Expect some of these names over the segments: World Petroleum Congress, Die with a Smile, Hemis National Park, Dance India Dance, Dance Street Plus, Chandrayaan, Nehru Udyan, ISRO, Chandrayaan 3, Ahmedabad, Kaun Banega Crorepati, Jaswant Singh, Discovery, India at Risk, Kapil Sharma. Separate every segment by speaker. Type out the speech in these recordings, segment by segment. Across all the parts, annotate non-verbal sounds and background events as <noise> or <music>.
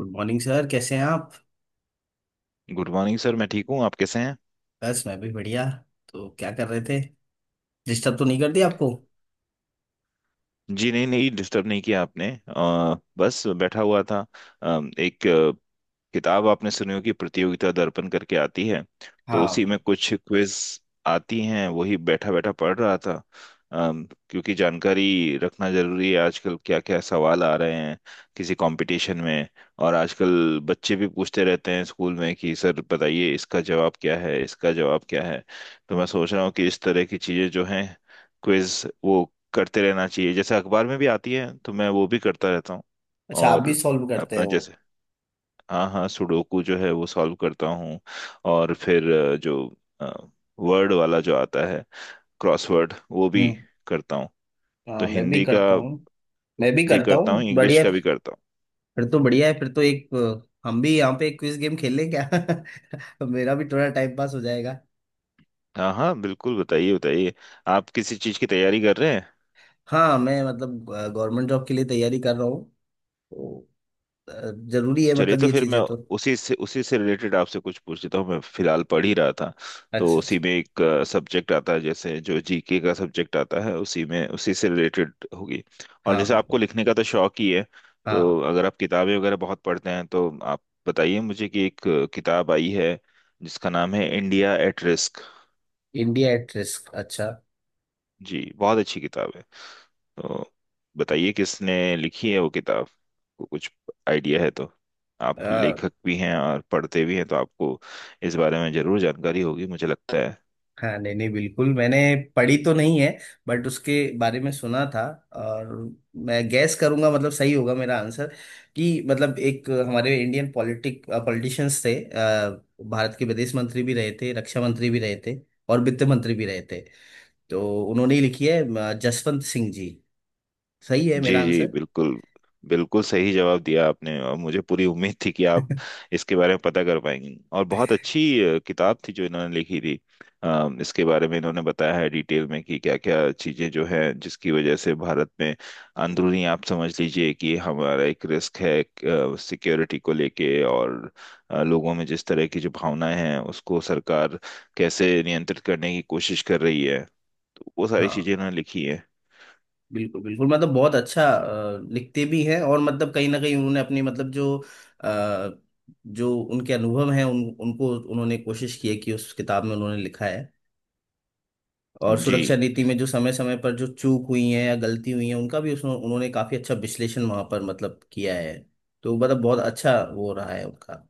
Speaker 1: Good morning sir, कैसे हैं आप।
Speaker 2: Good morning sir. मैं ठीक हूँ। आप कैसे हैं?
Speaker 1: बस मैं भी बढ़िया। तो क्या कर रहे थे? डिस्टर्ब तो नहीं कर दिया आपको?
Speaker 2: जी नहीं, नहीं डिस्टर्ब नहीं किया आपने। बस बैठा हुआ था। एक किताब आपने सुनी होगी, प्रतियोगिता दर्पण करके आती है। तो उसी में कुछ क्विज आती हैं, वही बैठा बैठा पढ़ रहा था। क्योंकि जानकारी रखना जरूरी है, आजकल क्या क्या सवाल आ रहे हैं किसी कंपटीशन में। और आजकल बच्चे भी पूछते रहते हैं स्कूल में कि सर बताइए इसका जवाब क्या है, इसका जवाब क्या है। तो मैं सोच रहा हूँ कि इस तरह की चीजें जो हैं, क्विज, वो करते रहना चाहिए। जैसे अखबार में भी आती है तो मैं वो भी करता रहता हूँ।
Speaker 1: अच्छा, आप भी
Speaker 2: और
Speaker 1: सॉल्व करते
Speaker 2: अपना
Speaker 1: हो?
Speaker 2: जैसे, हाँ हाँ, सुडोकू जो है वो सॉल्व करता हूँ। और फिर जो वर्ड वाला जो आता है क्रॉसवर्ड वो भी
Speaker 1: हम्म।
Speaker 2: करता हूँ। तो
Speaker 1: हाँ, मैं भी
Speaker 2: हिंदी का
Speaker 1: करता हूँ। मैं भी
Speaker 2: भी
Speaker 1: करता
Speaker 2: करता हूँ,
Speaker 1: हूँ,
Speaker 2: इंग्लिश
Speaker 1: बढ़िया
Speaker 2: का
Speaker 1: है।
Speaker 2: भी करता हूँ।
Speaker 1: फिर तो बढ़िया है, फिर तो एक हम भी यहाँ पे एक क्विज गेम खेल लें क्या? <laughs> मेरा भी थोड़ा टाइम पास हो जाएगा।
Speaker 2: हाँ हाँ, बिल्कुल, बताइए बताइए। आप किसी चीज़ की तैयारी कर रहे हैं?
Speaker 1: हाँ, मैं मतलब गवर्नमेंट जॉब के लिए तैयारी कर रहा हूँ तो जरूरी है
Speaker 2: चलिए
Speaker 1: मतलब
Speaker 2: तो
Speaker 1: ये
Speaker 2: फिर मैं
Speaker 1: चीजें तो।
Speaker 2: उसी से रिलेटेड आपसे कुछ पूछ लेता हूँ, मैं फिलहाल पढ़ ही रहा था। तो
Speaker 1: अच्छा अच्छा।
Speaker 2: उसी में एक सब्जेक्ट आता है, जैसे जो जीके का सब्जेक्ट आता है, उसी में, उसी से रिलेटेड होगी। और
Speaker 1: हाँ
Speaker 2: जैसे आपको
Speaker 1: बिल्कुल।
Speaker 2: लिखने का तो शौक ही है,
Speaker 1: हाँ।
Speaker 2: तो अगर आप किताबें वगैरह बहुत पढ़ते हैं, तो आप बताइए मुझे कि एक किताब आई है जिसका नाम है India at risk.
Speaker 1: India at risk.
Speaker 2: जी, बहुत अच्छी किताब है। तो बताइए किसने लिखी है वो किताब, को कुछ आइडिया है तो। आप
Speaker 1: अच्छा।
Speaker 2: लेखक भी हैं और पढ़ते भी हैं, तो आपको इस बारे में जरूर जानकारी होगी मुझे लगता है।
Speaker 1: हाँ नहीं नहीं, बिल्कुल मैंने पढ़ी तो नहीं है, बट उसके बारे में सुना था। और मैं गैस करूंगा, मतलब सही होगा मेरा आंसर कि मतलब एक हमारे इंडियन पॉलिटिक पॉलिटिशियंस थे। भारत के विदेश मंत्री भी रहे थे, रक्षा मंत्री भी रहे थे, और वित्त मंत्री भी रहे थे। तो उन्होंने ही लिखी है, जसवंत सिंह जी। सही है
Speaker 2: जी
Speaker 1: मेरा
Speaker 2: जी,
Speaker 1: आंसर?
Speaker 2: बिल्कुल बिल्कुल सही जवाब दिया आपने। और मुझे पूरी उम्मीद थी कि आप
Speaker 1: <laughs>
Speaker 2: इसके बारे में पता कर पाएंगे। और बहुत अच्छी किताब थी जो इन्होंने लिखी थी। इसके बारे में इन्होंने बताया है डिटेल में कि क्या क्या चीजें जो है जिसकी वजह से भारत में अंदरूनी, आप समझ लीजिए कि हमारा एक रिस्क है सिक्योरिटी को लेके। और लोगों में जिस तरह की जो भावनाएं हैं उसको सरकार कैसे नियंत्रित करने की कोशिश कर रही है, तो वो सारी
Speaker 1: हाँ
Speaker 2: चीजें इन्होंने लिखी है।
Speaker 1: बिल्कुल बिल्कुल, मतलब बहुत अच्छा लिखते भी हैं। और मतलब कहीं ना कहीं उन्होंने अपनी मतलब जो अ, जो उनके अनुभव हैं उन उनको उन्होंने कोशिश की है कि उस किताब में उन्होंने लिखा है। और
Speaker 2: जी
Speaker 1: सुरक्षा नीति में जो समय समय पर जो चूक हुई है या गलती हुई है, उनका भी उसमें उन्होंने काफी अच्छा विश्लेषण वहां पर मतलब किया है। तो मतलब बहुत अच्छा वो रहा है उनका।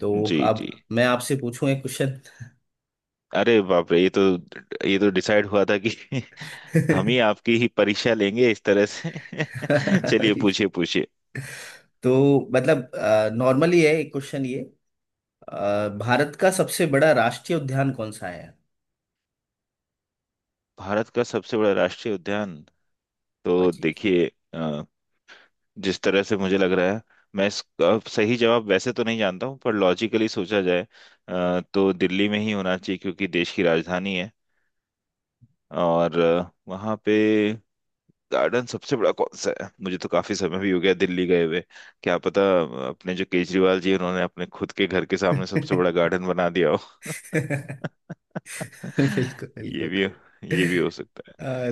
Speaker 1: तो
Speaker 2: जी
Speaker 1: अब
Speaker 2: जी,
Speaker 1: मैं आपसे पूछूं एक
Speaker 2: अरे बाप रे, ये तो डिसाइड हुआ था कि <laughs> हम
Speaker 1: क्वेश्चन।
Speaker 2: ही आपकी ही परीक्षा लेंगे इस तरह से। <laughs> चलिए पूछिए पूछिए।
Speaker 1: <laughs> तो मतलब नॉर्मली है एक क्वेश्चन ये, भारत का सबसे बड़ा राष्ट्रीय उद्यान कौन सा है?
Speaker 2: भारत का सबसे बड़ा राष्ट्रीय उद्यान,
Speaker 1: हाँ
Speaker 2: तो
Speaker 1: जी।
Speaker 2: देखिए अ, जिस तरह से मुझे लग रहा है, मैं इसका सही जवाब वैसे तो नहीं जानता हूँ, पर लॉजिकली सोचा जाए तो दिल्ली में ही होना चाहिए क्योंकि देश की राजधानी है। और वहाँ पे गार्डन सबसे बड़ा कौन सा है, मुझे तो काफी समय भी हो गया दिल्ली गए हुए। क्या पता अपने जो केजरीवाल जी हैं, उन्होंने अपने खुद के घर के सामने
Speaker 1: <laughs>
Speaker 2: सबसे बड़ा गार्डन बना दिया हो।
Speaker 1: बिल्कुल
Speaker 2: <laughs>
Speaker 1: बिल्कुल।
Speaker 2: ये भी ये भी हो सकता है।
Speaker 1: अ,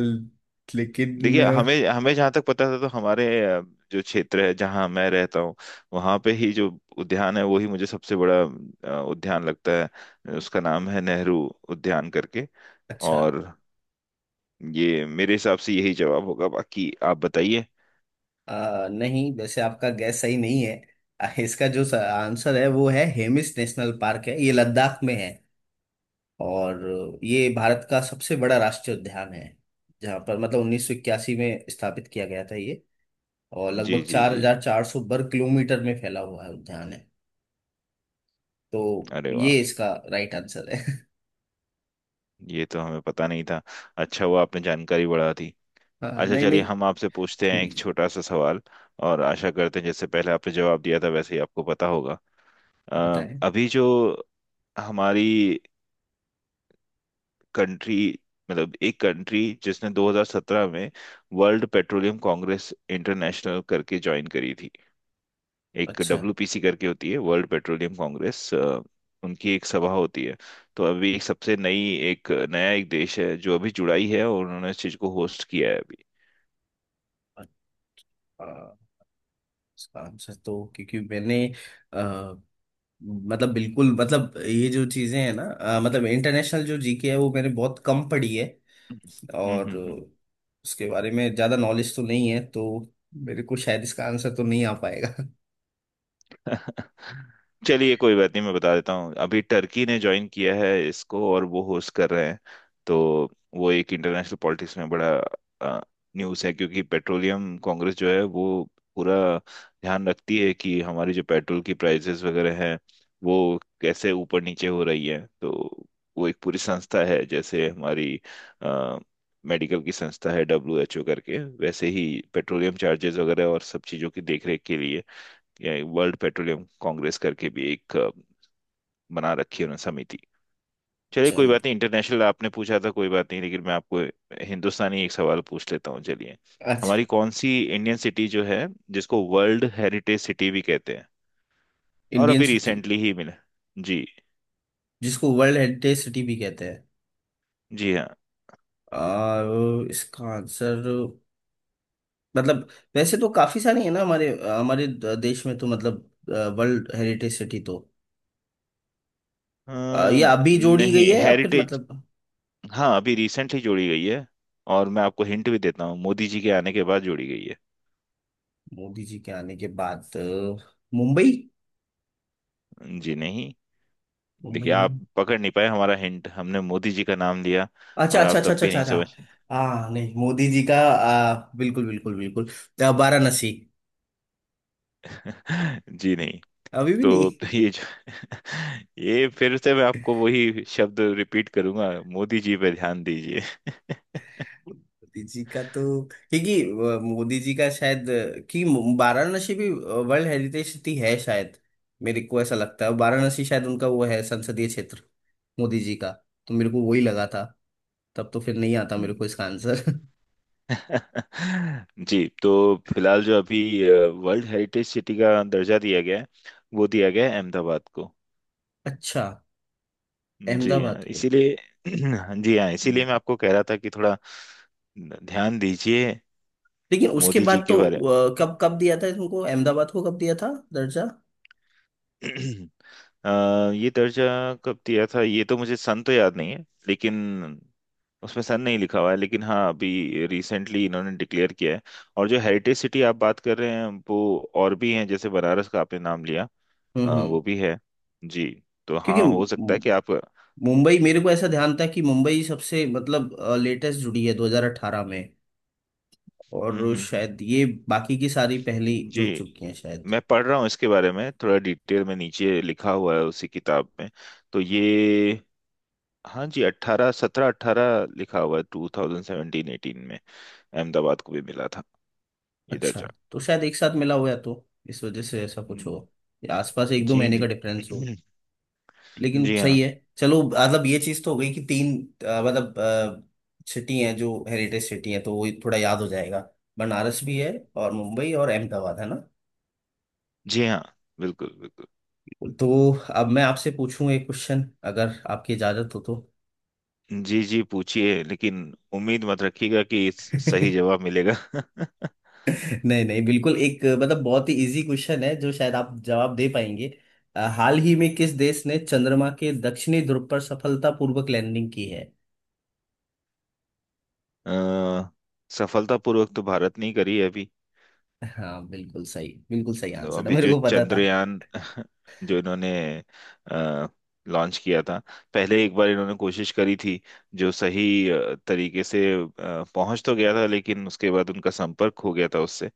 Speaker 1: लेकिन
Speaker 2: देखिए हमें हमें जहाँ तक पता था तो हमारे जो क्षेत्र है जहाँ मैं रहता हूँ, वहाँ पे ही जो उद्यान है वही मुझे सबसे बड़ा उद्यान लगता है। उसका नाम है नेहरू उद्यान करके।
Speaker 1: अच्छा।
Speaker 2: और ये मेरे हिसाब से यही जवाब होगा, बाकी आप बताइए।
Speaker 1: नहीं, वैसे आपका गैस सही नहीं है। इसका जो आंसर है वो है हेमिस नेशनल पार्क, है ये लद्दाख में। है और ये भारत का सबसे बड़ा राष्ट्रीय उद्यान है, जहाँ पर मतलब 1981 में स्थापित किया गया था ये, और
Speaker 2: जी
Speaker 1: लगभग
Speaker 2: जी जी,
Speaker 1: 4400 वर्ग किलोमीटर में फैला हुआ है उद्यान है। तो
Speaker 2: अरे वाह,
Speaker 1: ये इसका राइट आंसर है। <laughs>
Speaker 2: ये तो हमें पता नहीं था। अच्छा हुआ, आपने जानकारी बढ़ा दी।
Speaker 1: हाँ,
Speaker 2: अच्छा
Speaker 1: नहीं
Speaker 2: चलिए,
Speaker 1: नहीं।
Speaker 2: हम आपसे पूछते हैं एक
Speaker 1: हम्म,
Speaker 2: छोटा सा सवाल। और आशा करते हैं जैसे पहले आपने जवाब दिया था वैसे ही आपको पता होगा। अ,
Speaker 1: बताएं।
Speaker 2: अभी जो हमारी कंट्री, मतलब एक कंट्री जिसने 2017 में वर्ल्ड पेट्रोलियम कांग्रेस इंटरनेशनल करके ज्वाइन करी थी। एक
Speaker 1: अच्छा।
Speaker 2: डब्ल्यूपीसी करके होती है, वर्ल्ड पेट्रोलियम कांग्रेस, उनकी एक सभा होती है। तो अभी एक सबसे नई, एक नया एक देश है जो अभी जुड़ा ही है, और उन्होंने इस चीज को होस्ट किया है अभी।
Speaker 1: अ- अ, इसका आंसर, तो क्योंकि मैंने अ, मतलब बिल्कुल मतलब ये जो चीजें हैं ना, मतलब इंटरनेशनल जो जीके है वो मैंने बहुत कम पढ़ी है। और
Speaker 2: हम्म।
Speaker 1: उसके बारे में ज्यादा नॉलेज तो नहीं है, तो मेरे को शायद इसका आंसर तो नहीं आ पाएगा। <laughs>
Speaker 2: <laughs> चलिए, कोई बात नहीं, मैं बता देता हूँ। अभी टर्की ने ज्वाइन किया है इसको, और वो होस्ट कर रहे हैं। तो वो एक इंटरनेशनल पॉलिटिक्स में बड़ा न्यूज़ है, क्योंकि पेट्रोलियम कांग्रेस जो है वो पूरा ध्यान रखती है कि हमारी जो पेट्रोल की प्राइसेस वगैरह हैं वो कैसे ऊपर नीचे हो रही है। तो वो एक पूरी संस्था है, जैसे हमारी अ, मेडिकल की संस्था है डब्ल्यू एच ओ करके, वैसे ही पेट्रोलियम चार्जेस वगैरह और सब चीज़ों की देखरेख के लिए ये वर्ल्ड पेट्रोलियम कांग्रेस करके भी एक बना रखी है उन्होंने समिति। चलिए,
Speaker 1: अच्छा
Speaker 2: कोई बात नहीं। इंटरनेशनल आपने पूछा था, कोई बात नहीं, लेकिन मैं आपको हिंदुस्तानी एक सवाल पूछ लेता हूँ, चलिए।
Speaker 1: अच्छा।
Speaker 2: हमारी कौन सी इंडियन सिटी जो है जिसको वर्ल्ड हेरिटेज सिटी भी कहते हैं, और
Speaker 1: इंडियन
Speaker 2: अभी
Speaker 1: सिटी?
Speaker 2: रिसेंटली ही मिला? जी।
Speaker 1: जिसको वर्ल्ड हेरिटेज सिटी भी कहते हैं?
Speaker 2: जी हाँ।
Speaker 1: इसका आंसर मतलब वैसे तो काफी सारी है ना हमारे हमारे द- देश में, तो मतलब वर्ल्ड हेरिटेज सिटी तो ये अभी जोड़ी गई
Speaker 2: नहीं,
Speaker 1: है या फिर
Speaker 2: हेरिटेज।
Speaker 1: मतलब?
Speaker 2: हाँ, अभी रिसेंटली जोड़ी गई है। और मैं आपको हिंट भी देता हूँ, मोदी जी के आने के बाद जोड़ी गई
Speaker 1: मोदी जी के आने के बाद, मुंबई?
Speaker 2: है। जी नहीं।
Speaker 1: मुंबई
Speaker 2: देखिए आप
Speaker 1: नहीं?
Speaker 2: पकड़ नहीं पाए हमारा हिंट। हमने मोदी जी का नाम लिया
Speaker 1: अच्छा
Speaker 2: और
Speaker 1: अच्छा
Speaker 2: आप
Speaker 1: अच्छा
Speaker 2: तब
Speaker 1: अच्छा
Speaker 2: भी
Speaker 1: अच्छा
Speaker 2: नहीं
Speaker 1: अच्छा।
Speaker 2: समझ।
Speaker 1: हाँ नहीं, मोदी जी का, बिल्कुल बिल्कुल बिल्कुल। वाराणसी?
Speaker 2: <laughs> जी नहीं।
Speaker 1: अभी भी नहीं?
Speaker 2: तो ये जो <laughs> ये फिर से मैं आपको वही शब्द रिपीट करूंगा, मोदी जी पे ध्यान दीजिए।
Speaker 1: मोदी जी का तो क्योंकि मोदी जी का शायद, कि वाराणसी भी वर्ल्ड हेरिटेज सिटी है शायद। मेरे को ऐसा लगता है वाराणसी शायद उनका वो है संसदीय क्षेत्र, मोदी जी का। तो मेरे को वही लगा था। तब तो फिर नहीं आता मेरे
Speaker 2: हम्म।
Speaker 1: को इसका आंसर। <laughs>
Speaker 2: <laughs> जी, तो फिलहाल जो अभी वर्ल्ड हेरिटेज सिटी का दर्जा दिया गया है, वो दिया गया है अहमदाबाद को।
Speaker 1: अच्छा।
Speaker 2: जी हाँ,
Speaker 1: अहमदाबाद को?
Speaker 2: इसीलिए। <clears throat> जी हाँ, इसीलिए मैं आपको कह रहा था कि थोड़ा ध्यान दीजिए
Speaker 1: लेकिन उसके
Speaker 2: मोदी जी
Speaker 1: बाद
Speaker 2: के
Speaker 1: तो,
Speaker 2: बारे।
Speaker 1: कब कब दिया था? तुमको अहमदाबाद को कब दिया था दर्जा?
Speaker 2: <clears throat> अ, ये दर्जा कब दिया था ये तो मुझे सन तो याद नहीं है। लेकिन उसमें सन नहीं लिखा हुआ है। लेकिन हाँ, अभी रिसेंटली इन्होंने डिक्लेयर किया है। और जो हेरिटेज सिटी आप बात कर रहे हैं वो और भी हैं, जैसे बनारस का आपने नाम लिया,
Speaker 1: हम्म।
Speaker 2: वो भी है, जी। तो
Speaker 1: क्योंकि
Speaker 2: हाँ, हो सकता है कि आप, हम्म।
Speaker 1: मुंबई, मेरे को ऐसा ध्यान था कि मुंबई सबसे मतलब लेटेस्ट जुड़ी है 2018 में,
Speaker 2: हम्म
Speaker 1: और
Speaker 2: हम्म।
Speaker 1: शायद ये बाकी की सारी पहली
Speaker 2: जी,
Speaker 1: जुड़ चुकी हैं शायद।
Speaker 2: मैं पढ़ रहा हूँ इसके बारे में थोड़ा, डिटेल में नीचे लिखा हुआ है उसी किताब में, तो ये। हाँ जी, अट्ठारह, सत्रह अट्ठारह लिखा हुआ है, टू थाउजेंड सेवेंटीन एटीन में अहमदाबाद को भी मिला था ये
Speaker 1: अच्छा।
Speaker 2: दर्जा।
Speaker 1: तो शायद एक साथ मिला हुआ है तो इस वजह से ऐसा कुछ हो,
Speaker 2: हम्म।
Speaker 1: या आसपास एक दो
Speaker 2: जी
Speaker 1: महीने का
Speaker 2: जी।
Speaker 1: डिफरेंस हो।
Speaker 2: <clears throat>
Speaker 1: लेकिन
Speaker 2: जी हाँ।
Speaker 1: सही है। चलो, मतलब ये चीज तो हो गई कि तीन, मतलब सिटी हैं जो हेरिटेज सिटी हैं, तो वो थोड़ा याद हो जाएगा। बनारस भी है, और मुंबई और अहमदाबाद, है ना?
Speaker 2: जी हाँ, बिल्कुल बिल्कुल।
Speaker 1: तो अब मैं आपसे पूछूं एक क्वेश्चन, अगर आपकी इजाजत हो तो।
Speaker 2: जी जी, पूछिए, लेकिन उम्मीद मत रखिएगा कि सही
Speaker 1: <laughs>
Speaker 2: जवाब मिलेगा। <laughs>
Speaker 1: नहीं नहीं, बिल्कुल एक, मतलब बहुत ही इजी क्वेश्चन है जो शायद आप जवाब दे पाएंगे। हाल ही में किस देश ने चंद्रमा के दक्षिणी ध्रुव पर सफलतापूर्वक लैंडिंग की है?
Speaker 2: अ, सफलतापूर्वक तो भारत ने ही करी है अभी।
Speaker 1: हाँ बिल्कुल सही, बिल्कुल सही
Speaker 2: तो
Speaker 1: आंसर है,
Speaker 2: अभी
Speaker 1: मेरे
Speaker 2: जो
Speaker 1: को पता था।
Speaker 2: चंद्रयान <laughs> जो इन्होंने लॉन्च किया था, पहले एक बार इन्होंने कोशिश करी थी, जो सही तरीके से पहुंच तो गया था, लेकिन उसके बाद उनका संपर्क हो गया था उससे।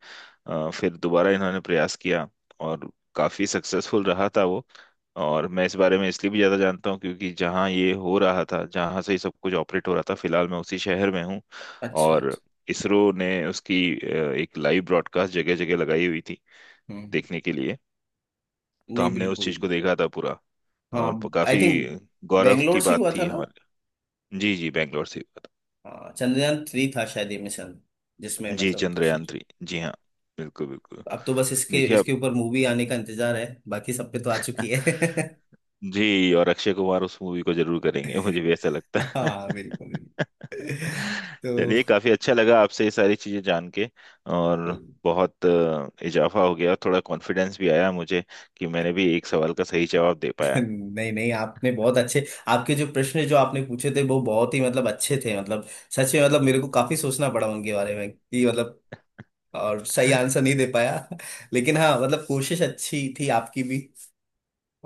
Speaker 2: फिर दोबारा इन्होंने प्रयास किया और काफी सक्सेसफुल रहा था वो। और मैं इस बारे में इसलिए भी ज्यादा जानता हूँ, क्योंकि जहाँ ये हो रहा था, जहाँ से ही सब कुछ ऑपरेट हो रहा था, फिलहाल मैं उसी शहर में हूँ।
Speaker 1: अच्छा
Speaker 2: और
Speaker 1: अच्छा।
Speaker 2: इसरो ने उसकी एक लाइव ब्रॉडकास्ट जगह जगह लगाई हुई थी
Speaker 1: हम्म।
Speaker 2: देखने के लिए। तो
Speaker 1: नहीं
Speaker 2: हमने उस
Speaker 1: बिल्कुल।
Speaker 2: चीज को देखा था पूरा,
Speaker 1: हाँ।
Speaker 2: और
Speaker 1: आई
Speaker 2: काफी
Speaker 1: थिंक
Speaker 2: गौरव
Speaker 1: बेंगलोर
Speaker 2: की
Speaker 1: से
Speaker 2: बात
Speaker 1: हुआ था
Speaker 2: थी
Speaker 1: ना?
Speaker 2: हमारे लिए। जी जी, बैंगलोर से बात।
Speaker 1: हाँ, चंद्रयान थ्री था शायद ये मिशन, जिसमें
Speaker 2: जी,
Speaker 1: मतलब, तो
Speaker 2: चंद्रयान थ्री, जी हाँ, बिल्कुल बिल्कुल।
Speaker 1: अब तो बस इसके
Speaker 2: देखिए आप।
Speaker 1: इसके ऊपर मूवी आने का इंतजार है, बाकी सब पे तो आ चुकी
Speaker 2: <laughs>
Speaker 1: है। <laughs>
Speaker 2: जी, और अक्षय कुमार उस मूवी को जरूर करेंगे मुझे भी ऐसा लगता है।
Speaker 1: हाँ बिल्कुल बिल्कुल।
Speaker 2: <laughs> चलिए,
Speaker 1: तो
Speaker 2: काफी अच्छा लगा आपसे ये सारी चीजें जान के। और
Speaker 1: <laughs>
Speaker 2: बहुत इजाफा हो गया, थोड़ा कॉन्फिडेंस भी आया मुझे कि मैंने भी एक सवाल का सही जवाब दे पाया।
Speaker 1: नहीं नहीं, आपने बहुत अच्छे, आपके जो प्रश्न जो आपने पूछे थे वो बहुत ही मतलब अच्छे थे, मतलब सच में। मतलब मेरे को काफी सोचना पड़ा उनके बारे में, कि मतलब और सही आंसर नहीं दे पाया। <laughs> लेकिन हाँ मतलब कोशिश अच्छी थी आपकी भी,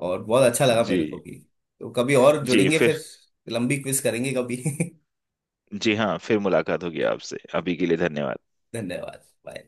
Speaker 1: और बहुत अच्छा लगा मेरे को
Speaker 2: जी
Speaker 1: भी। तो कभी और
Speaker 2: जी,
Speaker 1: जुड़ेंगे फिर,
Speaker 2: फिर।
Speaker 1: लंबी क्विज करेंगे कभी। <laughs>
Speaker 2: जी हाँ, फिर मुलाकात होगी आपसे। अभी के लिए धन्यवाद।
Speaker 1: धन्यवाद। Bye।